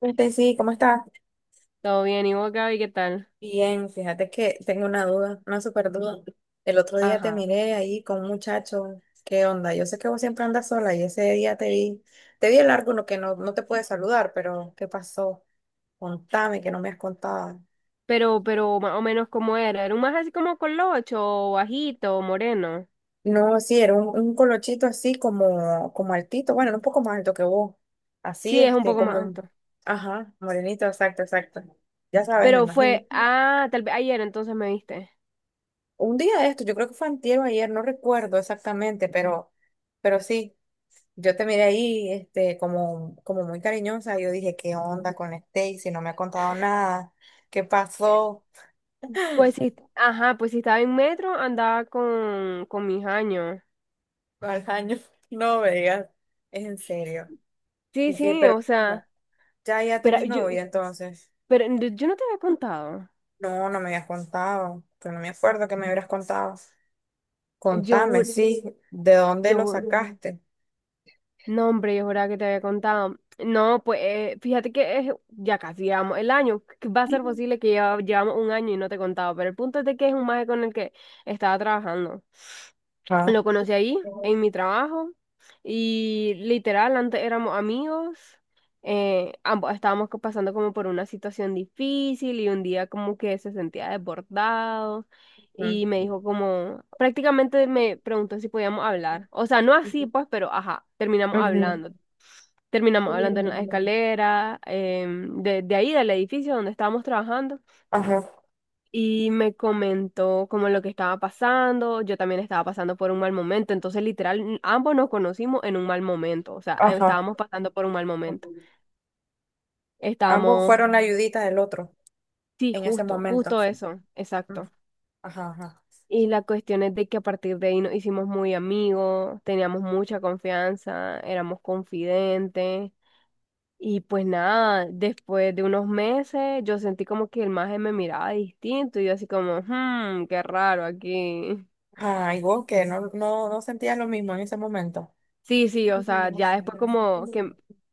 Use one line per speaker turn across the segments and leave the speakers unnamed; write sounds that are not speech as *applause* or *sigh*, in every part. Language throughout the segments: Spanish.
Sí, ¿cómo estás?
Todo bien, ¿y vos, Gaby, qué tal?
Bien, fíjate que tengo una duda, una súper duda. El otro día te
Ajá.
miré ahí con un muchacho. ¿Qué onda? Yo sé que vos siempre andas sola y ese día te vi, el largo, no que no, no te pude saludar, pero ¿qué pasó? Contame, que no me has contado.
Pero más o menos cómo era. Era un más así como colocho, o bajito, o moreno.
No, sí, era un, colochito así como altito, bueno, un poco más alto que vos. Así,
Sí, es un poco más alto.
ajá, morenito, exacto, exacto. Ya sabes, me
Pero
imagino.
fue, ah, tal vez ayer entonces me viste.
Un día de esto, yo creo que fue antier o ayer, no recuerdo exactamente, pero, sí, yo te miré ahí, como muy cariñosa, yo dije, ¿qué onda con Stacy? Si no me ha contado nada, ¿qué
Eh,
pasó?
Pues sí, ajá, pues si estaba en metro, andaba con mis años.
Al año, *laughs* no me digas, es en serio.
Sí,
Y que,
sí,
pero
o
no,
sea,
ya
pero
tenés
yo,
novia entonces.
pero yo no te había contado.
No, no me habías contado, pero no me acuerdo que me hubieras contado.
Yo,
Contame,
ju-
sí, ¿de dónde lo
yo, ju-
sacaste?
No, hombre, yo juraba que te había contado. No, pues fíjate que ya casi llevamos el año. Que va a ser posible que ya llevamos un año y no te he contado, pero el punto es de que es un maje con el que estaba trabajando.
Ah.
Lo conocí ahí, en mi trabajo, y literal, antes éramos amigos, ambos estábamos pasando como por una situación difícil y un día como que se sentía desbordado
Ujú.
y me dijo como, prácticamente me preguntó si podíamos hablar, o sea, no así pues, pero ajá, terminamos hablando,
Ujú.
terminamos hablando en la escalera, de ahí del edificio donde estábamos trabajando
Ajá,
y me comentó como lo que estaba pasando, yo también estaba pasando por un mal momento, entonces literal ambos nos conocimos en un mal momento, o sea,
ajá.
estábamos pasando por un mal momento.
Ambos
Estábamos,
fueron la ayudita del otro
sí,
en ese
justo,
momento.
justo eso,
Ujú.
exacto.
Ajá, ajá.
Y la cuestión es de que a partir de ahí nos hicimos muy amigos, teníamos mucha confianza, éramos confidentes. Y pues nada, después de unos meses yo sentí como que el maje me miraba distinto y yo así como, qué raro aquí.
Ah, igual que no sentías lo mismo en ese momento.
Sí, sí, o sea, ya después como que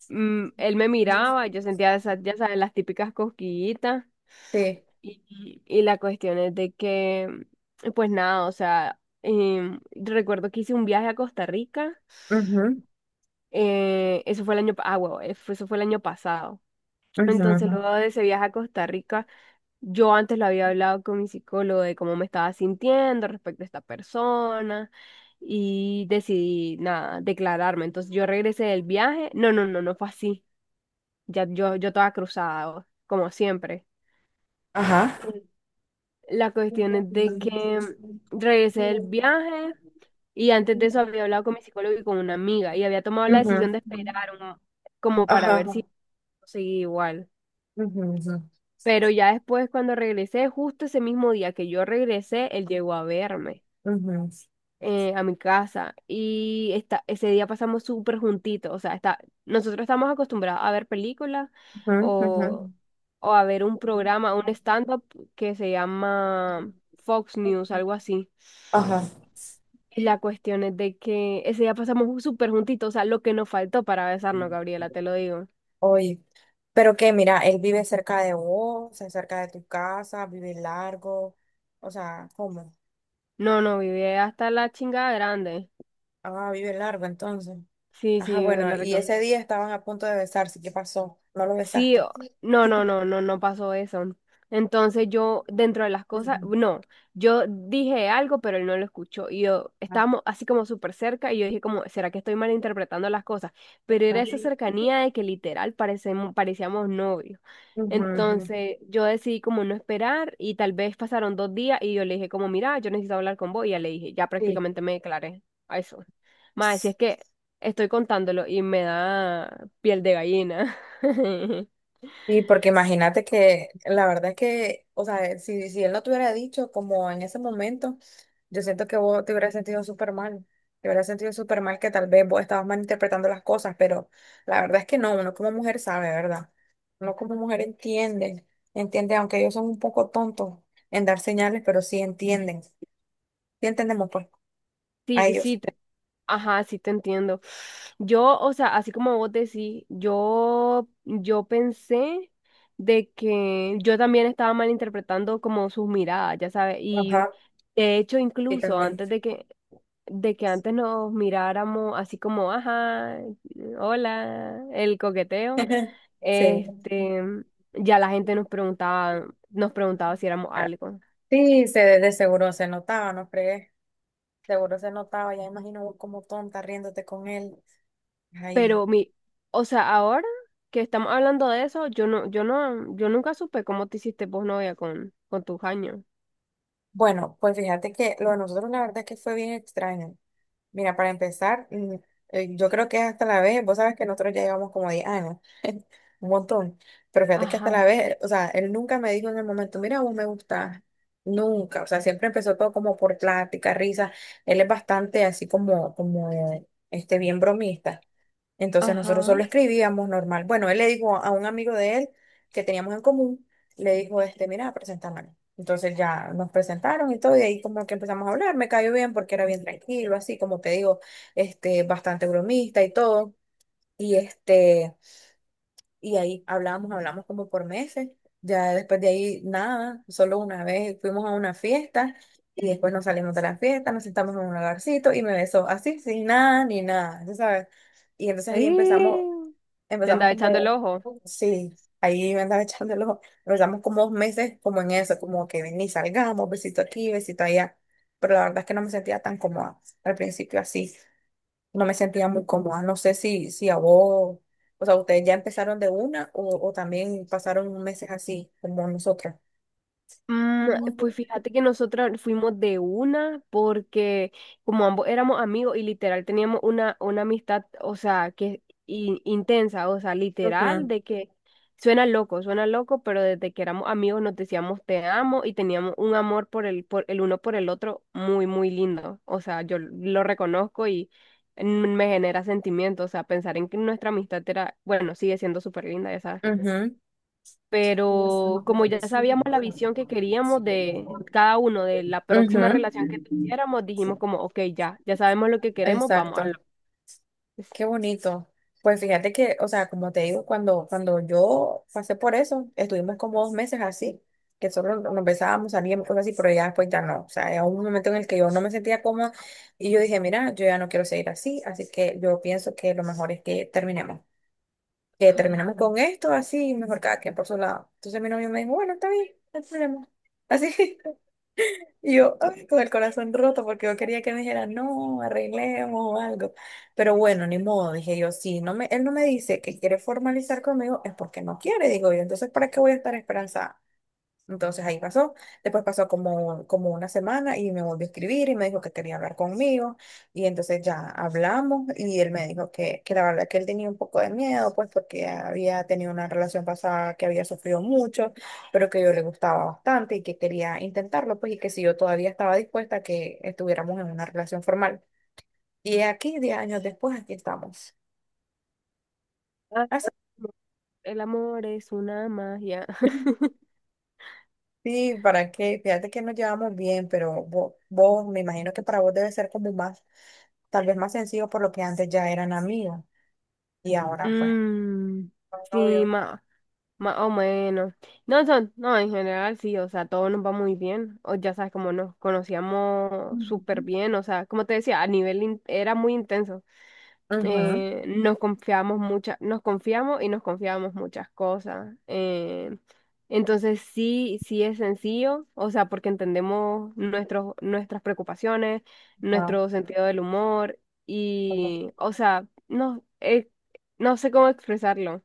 él me miraba, yo sentía esas, ya sabes, las típicas cosquillitas
Sí.
y la cuestión es de que, pues nada, o sea, recuerdo que hice un viaje a Costa Rica,
Ujú,
eso fue el año, eso fue el año pasado.
ujú,
Entonces,
ujú.
luego de ese viaje a Costa Rica, yo antes lo había hablado con mi psicólogo de cómo me estaba sintiendo respecto a esta persona y decidí, nada, declararme. Entonces, yo regresé del viaje. No, no, no, no fue así. Ya yo estaba cruzada, como siempre.
Ajá.
Mm. La cuestión es de que
Ujú.
regresé del viaje y antes de eso había hablado con mi psicólogo y con una amiga y había tomado la decisión de esperar como para ver
Ajá.
si seguía igual.
Ujú, ujú,
Pero ya después, cuando regresé, justo ese mismo día que yo regresé, él llegó a verme
ujú,
a mi casa y ese día pasamos súper juntitos. O sea, está, nosotros estamos acostumbrados a ver películas o,
ujú,
o a ver un
ujú.
programa, un stand-up que se llama Fox News, algo así.
Ajá.
Y la cuestión es de que ese día pasamos súper juntitos, o sea, lo que nos faltó para besarnos, Gabriela, te lo digo.
Oye. Pero que, mira, él vive cerca de vos, o sea, cerca de tu casa, vive largo. O sea, ¿cómo?
No, no, viví hasta la chingada grande.
Ah, vive largo entonces.
Sí,
Ajá,
sí,
bueno,
lo.
y ese día estaban a punto de besarse. ¿Qué pasó? ¿No lo
Sí,
besaste?
no, no, no, no, no pasó eso. Entonces yo, dentro de las cosas,
Ujú,
no, yo dije algo, pero él no lo escuchó. Y yo estábamos así como súper cerca y yo dije como, ¿será que estoy malinterpretando las cosas? Pero era esa cercanía de que literal parecíamos novios.
ujú, ujú.
Entonces yo decidí como no esperar y tal vez pasaron dos días y yo le dije como, mira, yo necesito hablar con vos. Y ya le dije, ya prácticamente me declaré a eso. Más,
Sí.
si es que estoy contándolo y me da piel de gallina. *laughs*
Sí, porque imagínate que la verdad es que, o sea, si él no te hubiera dicho como en ese momento, yo siento que vos te hubieras sentido súper mal. Te hubieras sentido súper mal que tal vez vos estabas malinterpretando las cosas, pero la verdad es que no, uno como mujer sabe, ¿verdad? Uno como mujer entiende, entiende, aunque ellos son un poco tontos en dar señales, pero sí entienden. Sí entendemos pues a
Sí,
ellos.
sí, ajá, sí te entiendo. Yo, o sea, así como vos decís, yo pensé de que yo también estaba malinterpretando como sus miradas, ya sabes,
Ajá.
y de hecho
Y
incluso
también
antes de que antes nos miráramos así como, ajá, hola, el coqueteo, este, ya la gente nos preguntaba si éramos algo.
Sí, de seguro se notaba, ¿no crees? Seguro se notaba, ya imagino vos como tonta riéndote con él. Ay.
Pero mi, o sea, ahora que estamos hablando de eso, yo nunca supe cómo te hiciste vos novia con tus años.
Bueno, pues fíjate que lo de nosotros la verdad es que fue bien extraño. Mira, para empezar, yo creo que es hasta la vez, vos sabes que nosotros ya llevamos como 10 años. Un montón. Pero fíjate que hasta la
Ajá,
vez, o sea, él nunca me dijo en el momento, mira, vos me gustás. Nunca, o sea, siempre empezó todo como por plática, risa. Él es bastante así como, bien bromista. Entonces nosotros
ajá.
solo escribíamos normal. Bueno, él le dijo a un amigo de él que teníamos en común, le dijo, mira, presentámonos. Entonces ya nos presentaron y todo, y ahí como que empezamos a hablar, me cayó bien porque era bien tranquilo, así como te digo, bastante bromista y todo. Y este... Y ahí hablamos, como por meses. Ya después de ahí, nada, solo una vez fuimos a una fiesta y después nos salimos de la fiesta, nos sentamos en un lugarcito y me besó así, sin nada, ni nada, ¿sí? Sabes? Y entonces ahí empezamos,
¡Ih! Te
empezamos
andaba echando el
como,
ojo.
sí, ahí me andaba *laughs* echando el ojo. Empezamos como 2 meses como en eso, como que ven y salgamos, besito aquí, besito allá. Pero la verdad es que no me sentía tan cómoda al principio, así no me sentía muy cómoda. No sé si, a vos, o sea, ustedes ya empezaron de una, o también pasaron meses así, como nosotras.
Mm,
Ujú,
Pues fíjate que nosotras fuimos de una porque como ambos éramos amigos y literal teníamos una amistad, o sea, que intensa, o sea, literal
ujú,
de que suena loco, pero desde que éramos amigos nos decíamos te amo y teníamos un amor por el uno por el otro muy lindo. O sea, yo lo reconozco y mm, me genera sentimiento, o sea, pensar en que nuestra amistad era, bueno, sigue siendo súper linda, ya. Pero como ya sabíamos la visión que queríamos de cada uno, de la próxima
ujú.
relación que tuviéramos, dijimos como, ok, ya, ya sabemos lo que queremos, vamos a
Exacto.
lo es".
Qué bonito. Pues fíjate que, o sea, como te digo, cuando yo pasé por eso, estuvimos como 2 meses así, que solo nos besábamos, salíamos, cosas así, pero ya después ya no. O sea, era un momento en el que yo no me sentía cómoda y yo dije, mira, yo ya no quiero seguir así, así que yo pienso que lo mejor es que terminemos. Que terminamos con esto, así, mejor cada quien por su lado. Entonces mi novio me dijo, bueno, está bien, no hay problema. Así, *laughs* y yo ay, con el corazón roto porque yo quería que me dijera, no, arreglemos o algo. Pero bueno, ni modo, dije yo, él no me dice que quiere formalizar conmigo, es porque no quiere, digo yo. Entonces, ¿para qué voy a estar esperanzada? Entonces ahí pasó. Después pasó como, una semana y me volvió a escribir y me dijo que quería hablar conmigo. Y entonces ya hablamos y él me dijo que la verdad que él tenía un poco de miedo, pues porque había tenido una relación pasada que había sufrido mucho, pero que yo le gustaba bastante y que quería intentarlo, pues, y que si yo todavía estaba dispuesta a que estuviéramos en una relación formal. Y aquí, 10 años después, aquí estamos.
Ah,
Así.
no. El amor es una magia. *laughs*
Sí, ¿para qué? Fíjate que nos llevamos bien, pero vos, me imagino que para vos debe ser como más, tal vez más sencillo por lo que antes ya eran amigos y ahora pues
Mm,
son
sí,
novios.
más, más o menos. No, son, no, en general sí, o sea, todo nos va muy bien. O ya sabes, como nos conocíamos súper bien, o sea, como te decía, a nivel era muy intenso.
Ujú,
Nos confiamos y nos confiamos muchas cosas. Entonces sí, sí es sencillo, o sea, porque entendemos nuestros, nuestras preocupaciones,
ajá,
nuestro sentido del humor
ajá.
y, o sea, no, no sé cómo expresarlo.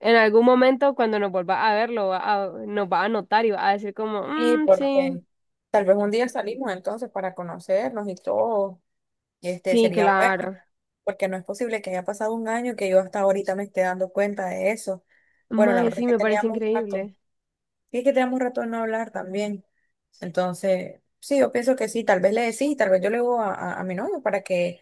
En algún momento cuando nos vuelva a verlo, nos va a notar y va a decir como,
Sí,
"Mm, sí,
porque tal vez un día salimos entonces para conocernos y todo, y este
sí,
sería bueno,
claro.
porque no es posible que haya pasado un año que yo hasta ahorita me esté dando cuenta de eso. Bueno, la
Mae,
verdad es
sí,
que
me parece
teníamos rato.
increíble.
Y es que tenemos rato de no hablar también. Entonces, sí, yo pienso que sí, tal vez le decís, tal vez yo le digo a mi novio para que,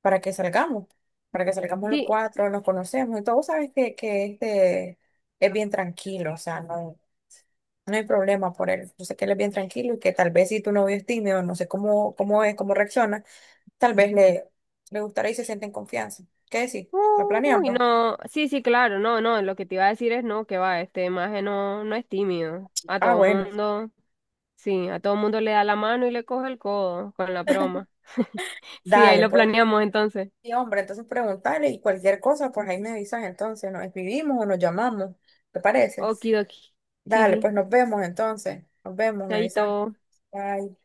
para que salgamos, para que salgamos los
Sí,
cuatro, nos conocemos y todo, sabes que, este es bien tranquilo, o sea, no, no hay problema por él. Yo sé que él es bien tranquilo y que tal vez si tu novio es tímido, no sé cómo es, cómo reacciona, tal vez le gustará y se siente en confianza. ¿Qué decir? ¿Lo
uy,
planeamos?
no, sí, sí, claro, no, no, lo que te iba a decir es no, que va, este maje no, no es tímido. A
Ah,
todo
bueno,
mundo, sí, a todo mundo le da la mano y le coge el codo con la broma. *laughs* Sí, ahí
dale,
lo
pues.
planeamos entonces.
Sí, hombre, entonces preguntarle y cualquier cosa, pues ahí me avisas entonces, nos escribimos o nos llamamos, ¿te parece?
Okidoki. Sí,
Dale, pues
sí,
nos vemos entonces, nos vemos, me
chaito.
avisas. Bye.